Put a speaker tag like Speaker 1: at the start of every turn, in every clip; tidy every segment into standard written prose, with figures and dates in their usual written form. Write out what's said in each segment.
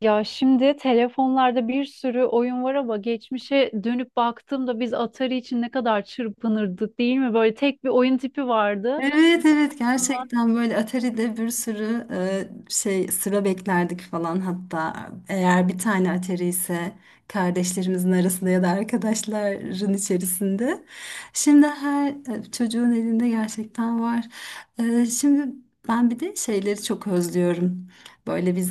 Speaker 1: Ya şimdi telefonlarda bir sürü oyun var ama geçmişe dönüp baktığımda biz Atari için ne kadar çırpınırdık, değil mi? Böyle tek bir oyun tipi vardı.
Speaker 2: Evet, evet,
Speaker 1: Sonrasında
Speaker 2: gerçekten böyle Atari'de bir sürü şey, sıra beklerdik falan, hatta eğer bir tane Atari ise kardeşlerimizin arasında ya da arkadaşların içerisinde. Şimdi her çocuğun elinde gerçekten var. Şimdi ben bir de şeyleri çok özlüyorum. Böyle biz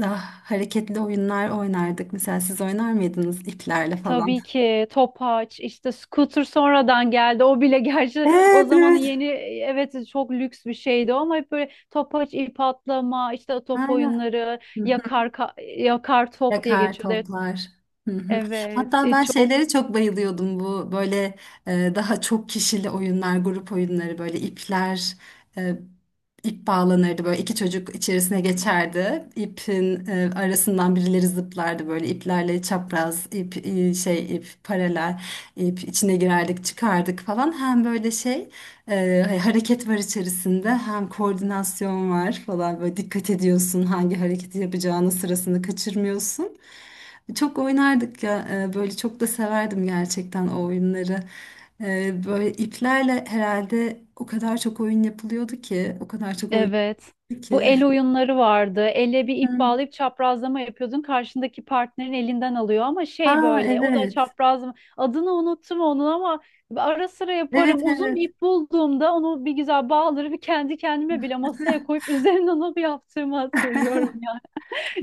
Speaker 2: daha hareketli oyunlar oynardık. Mesela siz oynar mıydınız iplerle falan?
Speaker 1: tabii ki topaç, işte scooter sonradan geldi. O bile gerçi o
Speaker 2: Evet,
Speaker 1: zamanın
Speaker 2: evet.
Speaker 1: yeni evet çok lüks bir şeydi ama hep böyle topaç, ip atlama, işte top
Speaker 2: Aynen.
Speaker 1: oyunları, yakar top diye
Speaker 2: Yakar
Speaker 1: geçiyordu. Evet.
Speaker 2: toplar. Hı hı.
Speaker 1: Evet,
Speaker 2: Hatta ben
Speaker 1: çok
Speaker 2: şeylere çok bayılıyordum, bu böyle daha çok kişili oyunlar, grup oyunları, böyle ipler. İp bağlanırdı, böyle iki çocuk içerisine geçerdi. İpin arasından birileri zıplardı, böyle iplerle çapraz ip, şey, ip paralel, ip içine girerdik çıkardık falan. Hem böyle şey, hani hareket var içerisinde, hem koordinasyon var falan, böyle dikkat ediyorsun hangi hareketi yapacağını, sırasını kaçırmıyorsun. Çok oynardık ya, böyle çok da severdim gerçekten o oyunları. Böyle iplerle herhalde o kadar çok oyun yapılıyordu ki, o kadar çok oyun
Speaker 1: evet.
Speaker 2: yapılıyordu
Speaker 1: Bu el
Speaker 2: ki.
Speaker 1: oyunları vardı. Elle bir ip
Speaker 2: Hı.
Speaker 1: bağlayıp çaprazlama yapıyordun. Karşındaki partnerin elinden alıyor ama şey
Speaker 2: Aa,
Speaker 1: böyle o da
Speaker 2: evet.
Speaker 1: çaprazlama. Adını unuttum onun ama ara sıra
Speaker 2: Evet,
Speaker 1: yaparım. Uzun bir
Speaker 2: evet.
Speaker 1: ip bulduğumda onu bir güzel bağlarım. Kendi kendime bile masaya koyup üzerine onu bir yaptığımı hatırlıyorum ya.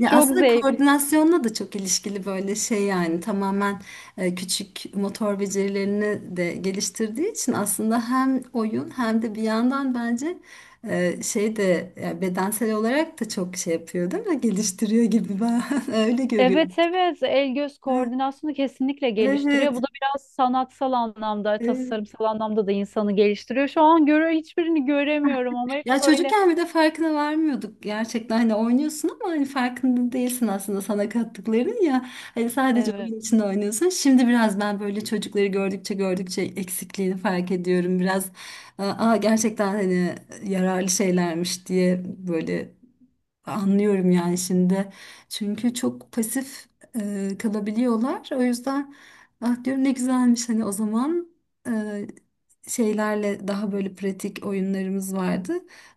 Speaker 1: Çok
Speaker 2: aslında
Speaker 1: zevkli.
Speaker 2: koordinasyonla da çok ilişkili böyle şey, yani tamamen küçük motor becerilerini de geliştirdiği için, aslında hem oyun hem de bir yandan bence şey de, ya bedensel olarak da çok şey yapıyor değil mi? Geliştiriyor gibi, ben öyle görüyorum.
Speaker 1: Evet evet, el göz
Speaker 2: Ha,
Speaker 1: koordinasyonu kesinlikle geliştiriyor.
Speaker 2: evet.
Speaker 1: Bu da biraz sanatsal anlamda,
Speaker 2: Evet.
Speaker 1: tasarımsal anlamda da insanı geliştiriyor. Şu an göre hiçbirini göremiyorum ama hep
Speaker 2: Ya
Speaker 1: böyle
Speaker 2: çocukken bir de farkına varmıyorduk gerçekten, hani oynuyorsun ama hani farkında değilsin aslında sana kattıkların, ya hani sadece
Speaker 1: evet.
Speaker 2: oyun için oynuyorsun. Şimdi biraz ben böyle çocukları gördükçe gördükçe eksikliğini fark ediyorum biraz, aa gerçekten hani yararlı şeylermiş diye, böyle anlıyorum yani şimdi. Çünkü çok pasif kalabiliyorlar. O yüzden ah diyorum ne güzelmiş hani o zaman e, şeylerle daha böyle pratik oyunlarımız vardı.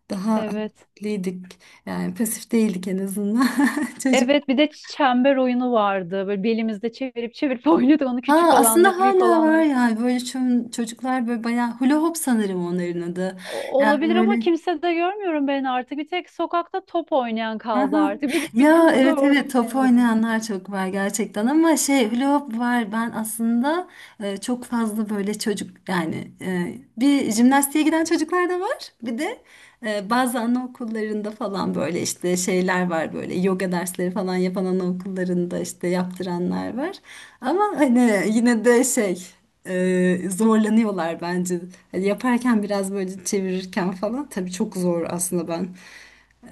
Speaker 2: Daha
Speaker 1: Evet.
Speaker 2: aktifliydik. Yani pasif değildik en azından. Çocuk.
Speaker 1: Evet, bir de çember oyunu vardı. Böyle belimizde çevirip çevirip oynuyorduk onu,
Speaker 2: Aa,
Speaker 1: küçük
Speaker 2: aslında
Speaker 1: olanları, büyük
Speaker 2: hala var
Speaker 1: olanları.
Speaker 2: yani, böyle çocuklar böyle bayağı hula hoop sanırım onların adı. Yani
Speaker 1: Olabilir ama
Speaker 2: böyle.
Speaker 1: kimse de görmüyorum ben artık. Bir tek sokakta top oynayan kaldı
Speaker 2: Aha.
Speaker 1: artık. Benim bizim
Speaker 2: Ya
Speaker 1: burada
Speaker 2: evet,
Speaker 1: orada yok
Speaker 2: evet, top
Speaker 1: en azından.
Speaker 2: oynayanlar çok var gerçekten, ama şey, hula hoop var ben aslında çok fazla böyle çocuk, yani bir jimnastiğe giden çocuklar da var, bir de bazı anaokullarında falan böyle işte şeyler var, böyle yoga dersleri falan yapan anaokullarında işte yaptıranlar var, ama hani yine de şey, zorlanıyorlar bence. Hani yaparken biraz böyle çevirirken falan, tabii çok zor aslında ben.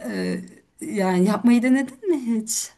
Speaker 2: Ee, yani yapmayı denedin mi hiç?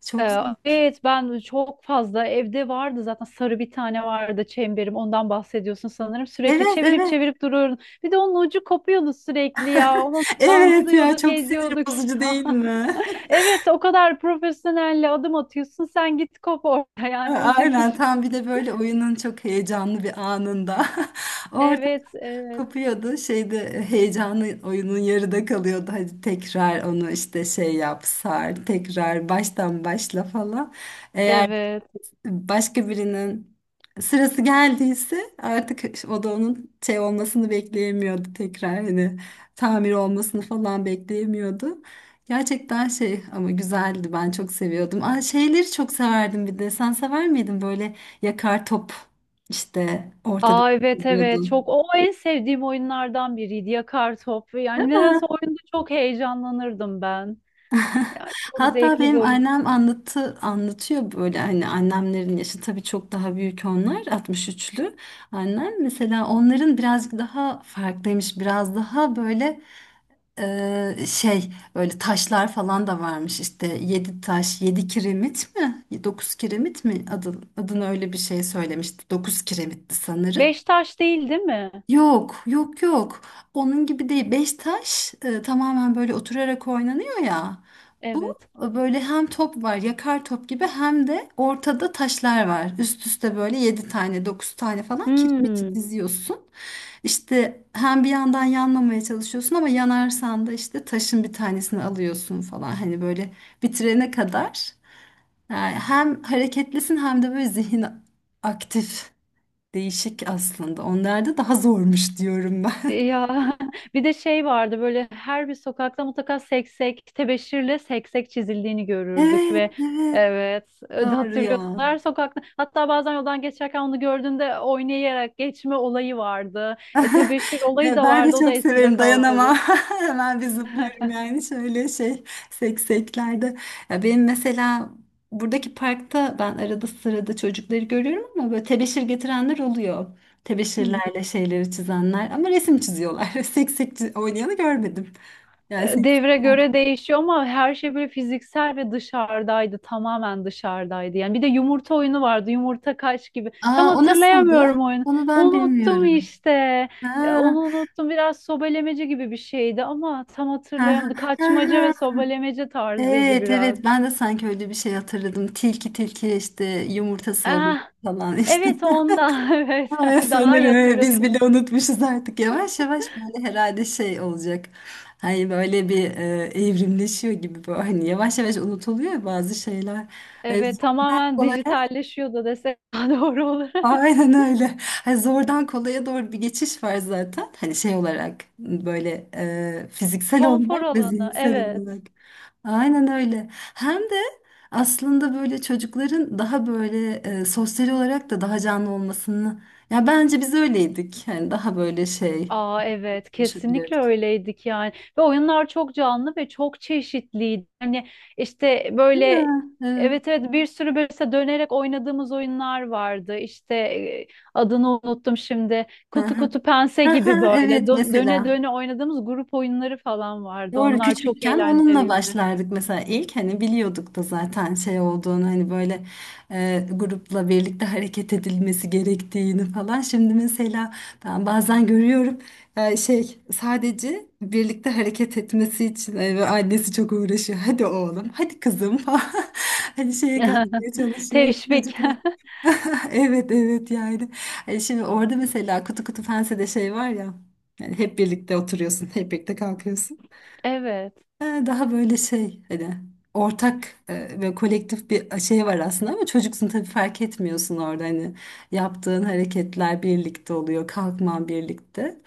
Speaker 2: Çok zor.
Speaker 1: Evet, ben çok fazla evde vardı zaten, sarı bir tane vardı çemberim. Ondan bahsediyorsun sanırım. Sürekli
Speaker 2: Evet,
Speaker 1: çevirip
Speaker 2: evet.
Speaker 1: çevirip duruyordum. Bir de onun ucu kopuyordu sürekli ya. Onu
Speaker 2: Evet, ya
Speaker 1: bantlıyorduk,
Speaker 2: çok sinir
Speaker 1: ediyorduk.
Speaker 2: bozucu değil mi?
Speaker 1: Evet, o kadar profesyonelle adım atıyorsun. Sen git kop orada yani, olacak
Speaker 2: Aynen,
Speaker 1: iş mi?
Speaker 2: tam bir de böyle oyunun çok heyecanlı bir anında. Orada
Speaker 1: Evet, evet,
Speaker 2: kopuyordu şeyde, heyecanlı oyunun yarıda kalıyordu. Hadi tekrar onu işte şey yap, sar, tekrar baştan başla falan. Eğer
Speaker 1: evet.
Speaker 2: başka birinin sırası geldiyse artık, o da onun şey olmasını bekleyemiyordu tekrar, hani tamir olmasını falan bekleyemiyordu. Gerçekten şey, ama güzeldi, ben çok seviyordum. Aa, şeyleri çok severdim, bir de sen sever miydin böyle yakar top, işte ortada
Speaker 1: Aa evet evet, çok,
Speaker 2: yiyordun
Speaker 1: o en sevdiğim oyunlardan biriydi yakar top,
Speaker 2: değil.
Speaker 1: yani nedense oyunda çok heyecanlanırdım ben, yani çok
Speaker 2: Hatta
Speaker 1: zevkli bir
Speaker 2: benim
Speaker 1: oyun.
Speaker 2: annem anlatıyor böyle, hani annemlerin yaşı tabii çok daha büyük, onlar 63'lü. Annem mesela, onların birazcık daha farklıymış, biraz daha böyle şey, böyle taşlar falan da varmış, işte 7 taş, 7 kiremit mi, 9 kiremit mi adını öyle bir şey söylemişti, 9 kiremitti sanırım.
Speaker 1: Beş taş değil değil mi?
Speaker 2: Yok, yok, yok. Onun gibi değil. Beş taş tamamen böyle oturarak oynanıyor ya. Bu
Speaker 1: Evet.
Speaker 2: böyle hem top var, yakar top gibi, hem de ortada taşlar var. Üst üste böyle yedi tane, dokuz tane falan kiremiti
Speaker 1: Hmm.
Speaker 2: diziyorsun. İşte hem bir yandan yanmamaya çalışıyorsun, ama yanarsan da işte taşın bir tanesini alıyorsun falan. Hani böyle bitirene kadar. Yani hem hareketlisin hem de böyle zihin aktif. Değişik aslında. Onlarda daha zormuş diyorum ben.
Speaker 1: Ya bir de şey vardı, böyle her bir sokakta mutlaka seksek, tebeşirle seksek çizildiğini görürdük
Speaker 2: Evet,
Speaker 1: ve
Speaker 2: evet.
Speaker 1: evet,
Speaker 2: Doğru
Speaker 1: hatırlıyorsun,
Speaker 2: ya.
Speaker 1: her sokakta, hatta bazen yoldan geçerken onu gördüğünde oynayarak geçme olayı vardı. E, tebeşir olayı
Speaker 2: Evet,
Speaker 1: da
Speaker 2: ben de
Speaker 1: vardı, o da
Speaker 2: çok
Speaker 1: eskide
Speaker 2: severim,
Speaker 1: kaldı
Speaker 2: dayanamam.
Speaker 1: tabii.
Speaker 2: Hemen bir zıplarım yani, şöyle şey, sekseklerde. Ya benim mesela buradaki parkta, ben arada sırada çocukları görüyorum ama böyle tebeşir getirenler oluyor.
Speaker 1: Hı hı.
Speaker 2: Tebeşirlerle şeyleri çizenler, ama resim çiziyorlar. Seksek oynayanı görmedim. Yani seksek
Speaker 1: Devre
Speaker 2: yok.
Speaker 1: göre değişiyor ama her şey böyle fiziksel ve dışarıdaydı. Tamamen dışarıdaydı. Yani bir de yumurta oyunu vardı. Yumurta kaç gibi. Tam
Speaker 2: Aa, o nasıldı?
Speaker 1: hatırlayamıyorum oyunu.
Speaker 2: Onu ben
Speaker 1: Unuttum
Speaker 2: bilmiyorum.
Speaker 1: işte.
Speaker 2: Ha.
Speaker 1: Onu unuttum. Biraz sobelemece gibi bir şeydi ama tam
Speaker 2: Ha, ha,
Speaker 1: hatırlayamadım. Kaçmaca
Speaker 2: ha,
Speaker 1: ve
Speaker 2: ha.
Speaker 1: sobelemece tarzıydı
Speaker 2: Evet,
Speaker 1: biraz.
Speaker 2: evet, ben de sanki öyle bir şey hatırladım. Tilki tilki işte yumurtası oluyor
Speaker 1: Ah,
Speaker 2: falan işte.
Speaker 1: evet ondan. Evet.
Speaker 2: Ay, sanırım
Speaker 1: Daha iyi
Speaker 2: evet, biz bile
Speaker 1: hatırlıyorsun.
Speaker 2: unutmuşuz artık. Yavaş yavaş böyle herhalde şey olacak. Hani böyle bir evrimleşiyor gibi böyle. Hani yavaş yavaş unutuluyor ya bazı şeyler. Zor
Speaker 1: Evet, tamamen
Speaker 2: kolay.
Speaker 1: dijitalleşiyordu desek daha doğru olur.
Speaker 2: Aynen öyle. Hani zordan kolaya doğru bir geçiş var zaten. Hani şey olarak böyle, fiziksel
Speaker 1: Konfor
Speaker 2: olarak ve
Speaker 1: alanı.
Speaker 2: zihinsel
Speaker 1: Evet.
Speaker 2: olarak. Aynen öyle. Hem de aslında böyle çocukların daha böyle, sosyal olarak da daha canlı olmasını. Ya bence biz öyleydik. Yani daha böyle şey,
Speaker 1: Aa evet, kesinlikle
Speaker 2: konuşabilirdik.
Speaker 1: öyleydik yani, ve oyunlar çok canlı ve çok çeşitliydi. Hani işte
Speaker 2: Değil
Speaker 1: böyle
Speaker 2: mi? Evet.
Speaker 1: evet evet, bir sürü böyle işte dönerek oynadığımız oyunlar vardı. İşte adını unuttum şimdi.
Speaker 2: Hı
Speaker 1: Kutu
Speaker 2: hı.
Speaker 1: kutu pense
Speaker 2: Hı
Speaker 1: gibi
Speaker 2: hı.
Speaker 1: böyle
Speaker 2: Evet,
Speaker 1: döne
Speaker 2: mesela.
Speaker 1: döne oynadığımız grup oyunları falan vardı.
Speaker 2: Doğru,
Speaker 1: Onlar çok
Speaker 2: küçükken onunla
Speaker 1: eğlenceliydi.
Speaker 2: başlardık mesela ilk, hani biliyorduk da zaten şey olduğunu, hani böyle grupla birlikte hareket edilmesi gerektiğini falan. Şimdi mesela ben bazen görüyorum şey sadece birlikte hareket etmesi için, ve annesi çok uğraşıyor. Hadi oğlum, hadi kızım falan, hani şeye katmaya çalışıyor. Hani
Speaker 1: Teşvik.
Speaker 2: çocuklar. Evet, evet yani. Hani şimdi orada mesela kutu kutu fensede şey var ya, yani hep birlikte oturuyorsun, hep birlikte kalkıyorsun.
Speaker 1: Evet.
Speaker 2: Ha, daha böyle şey, hani ortak ve kolektif bir şey var aslında, ama çocuksun tabii, fark etmiyorsun orada, hani yaptığın hareketler birlikte oluyor, kalkman birlikte,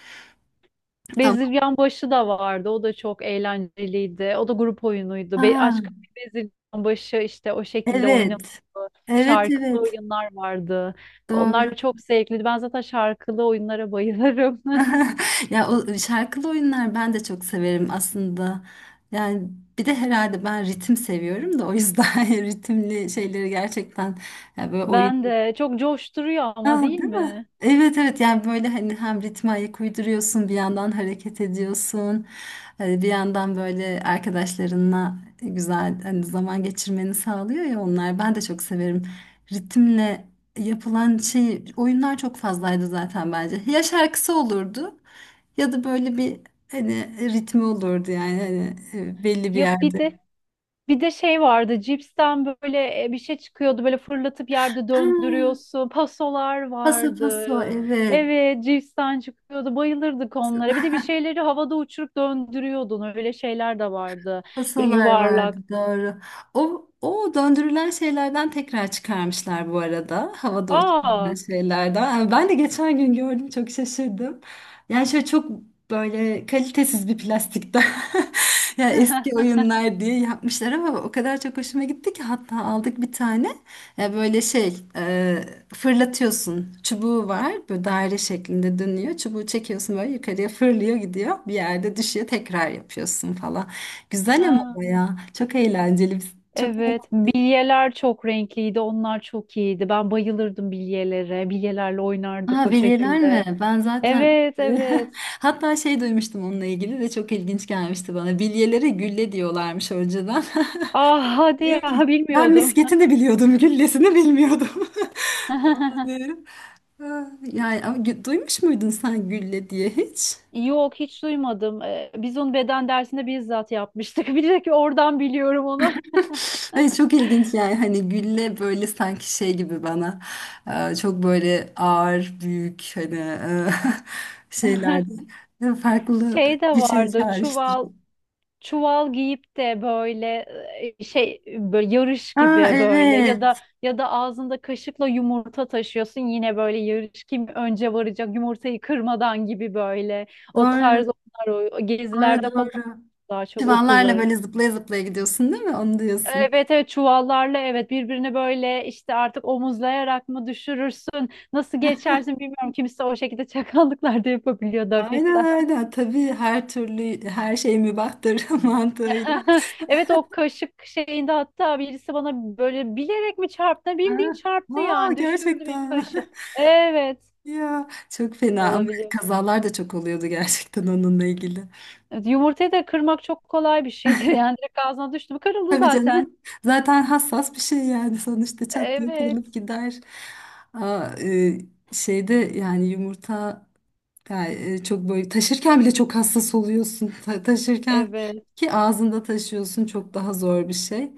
Speaker 2: ama.
Speaker 1: Bezirgan Başı da vardı. O da çok eğlenceliydi. O da grup oyunuydu. Be
Speaker 2: Aa,
Speaker 1: aşk, Bezirgan Başı işte o şekilde oynanıyordu.
Speaker 2: evet, evet,
Speaker 1: Şarkılı
Speaker 2: evet,
Speaker 1: oyunlar vardı. Onlar
Speaker 2: doğru.
Speaker 1: çok zevkliydi. Ben zaten şarkılı oyunlara bayılırım.
Speaker 2: Ya o şarkılı oyunlar ben de çok severim aslında, yani bir de herhalde ben ritim seviyorum da o yüzden ritimli şeyleri gerçekten, ya böyle oyun.
Speaker 1: Ben de, çok coşturuyor ama,
Speaker 2: Ah,
Speaker 1: değil
Speaker 2: değil mi?
Speaker 1: mi?
Speaker 2: Evet, evet, yani böyle, hani hem ritme ayak uyduruyorsun, bir yandan hareket ediyorsun. Hani bir yandan böyle arkadaşlarınla güzel hani zaman geçirmeni sağlıyor ya onlar, ben de çok severim. Ritimle yapılan şey, oyunlar çok fazlaydı zaten bence, ya şarkısı olurdu ya da böyle bir, hani ritmi olurdu, yani hani belli bir
Speaker 1: Ya bir
Speaker 2: yerde.
Speaker 1: de, bir de şey vardı, cipsten böyle bir şey çıkıyordu, böyle fırlatıp yerde
Speaker 2: Ha,
Speaker 1: döndürüyorsun. Pasolar
Speaker 2: paso
Speaker 1: vardı.
Speaker 2: paso, evet.
Speaker 1: Evet, cipsten çıkıyordu, bayılırdık onlara. Bir de bir şeyleri havada uçurup döndürüyordun, öyle şeyler de vardı. Böyle
Speaker 2: Kasalar vardı,
Speaker 1: yuvarlak.
Speaker 2: doğru. O döndürülen şeylerden tekrar çıkarmışlar bu arada. Havada uçurulan
Speaker 1: Aa.
Speaker 2: şeylerden. Yani ben de geçen gün gördüm, çok şaşırdım. Yani şöyle çok böyle kalitesiz bir plastikten. Yani eski oyunlar diye yapmışlar, ama o kadar çok hoşuma gitti ki hatta aldık bir tane. Ya böyle şey, fırlatıyorsun. Çubuğu var, böyle daire şeklinde dönüyor. Çubuğu çekiyorsun, böyle yukarıya fırlıyor gidiyor. Bir yerde düşüyor, tekrar yapıyorsun falan. Güzel, ama
Speaker 1: Ha,
Speaker 2: baya. Çok eğlenceli. Biz çok
Speaker 1: evet,
Speaker 2: eğlendik.
Speaker 1: bilyeler çok renkliydi, onlar çok iyiydi. Ben bayılırdım bilyelere, bilyelerle oynardık
Speaker 2: Aa,
Speaker 1: o
Speaker 2: belirler
Speaker 1: şekilde.
Speaker 2: mi? Ben zaten
Speaker 1: Evet, evet.
Speaker 2: hatta şey duymuştum onunla ilgili de, çok ilginç gelmişti bana. Bilyelere gülle diyorlarmış önceden.
Speaker 1: Ah hadi
Speaker 2: Diyor ki,
Speaker 1: ya,
Speaker 2: ben
Speaker 1: bilmiyordum.
Speaker 2: misketini biliyordum, güllesini bilmiyordum. Falan diyorum. Aa, yani ama duymuş muydun sen gülle diye hiç?
Speaker 1: Yok, hiç duymadım. Biz onu beden dersinde bizzat yapmıştık. Bir de ki oradan biliyorum onu.
Speaker 2: Hani çok ilginç yani, hani gülle böyle sanki şey gibi bana, çok böyle ağır, büyük, hani şeylerde farklı
Speaker 1: Şey de
Speaker 2: bir şey
Speaker 1: vardı, çuval,
Speaker 2: çağrıştırıyor.
Speaker 1: çuval giyip de böyle şey, böyle yarış
Speaker 2: Aa,
Speaker 1: gibi, böyle,
Speaker 2: evet,
Speaker 1: ya da ağzında kaşıkla yumurta taşıyorsun, yine böyle yarış, kim önce varacak yumurtayı kırmadan gibi, böyle o
Speaker 2: doğru,
Speaker 1: tarz onlar, o
Speaker 2: doğru,
Speaker 1: gezilerde falan,
Speaker 2: doğru.
Speaker 1: daha çok
Speaker 2: Çivanlarla
Speaker 1: okulları.
Speaker 2: böyle zıplaya zıplaya gidiyorsun değil mi? Onu diyorsun.
Speaker 1: Evet evet, çuvallarla, evet, birbirine böyle işte artık omuzlayarak mı düşürürsün, nasıl geçersin bilmiyorum, kimse o şekilde çakallıklar da yapabiliyordu
Speaker 2: Aynen,
Speaker 1: hafiften.
Speaker 2: aynen, tabii her türlü, her şey mübahtır mantığıyla.
Speaker 1: Evet, o kaşık şeyinde hatta birisi bana böyle bilerek mi çarptı, bildiğin
Speaker 2: Ha.
Speaker 1: çarptı
Speaker 2: Aa,
Speaker 1: yani, düşürdü bir
Speaker 2: gerçekten mi?
Speaker 1: kaşı. Evet
Speaker 2: Ya çok fena, ama
Speaker 1: olabiliyor.
Speaker 2: kazalar da çok oluyordu gerçekten onunla ilgili.
Speaker 1: Evet, yumurtayı da kırmak çok kolay bir şeydir yani direkt ağzına düştü mü kırıldı
Speaker 2: Tabii
Speaker 1: zaten.
Speaker 2: canım. Zaten hassas bir şey yani, sonuçta çat diye
Speaker 1: Evet
Speaker 2: kırılıp gider. Aa, şeyde yani yumurta, yani çok böyle taşırken bile çok hassas oluyorsun. Taşırken
Speaker 1: evet
Speaker 2: ki ağzında taşıyorsun, çok daha zor bir şey.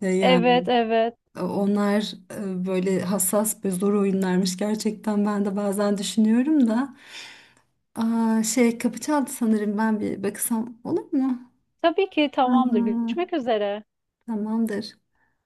Speaker 2: Yani
Speaker 1: evet evet,
Speaker 2: onlar böyle hassas ve zor oyunlarmış gerçekten, ben de bazen düşünüyorum da. Aa, şey, kapı çaldı sanırım, ben bir bakısam olur mu?
Speaker 1: tabii ki tamamdır,
Speaker 2: Aa,
Speaker 1: görüşmek üzere.
Speaker 2: tamamdır.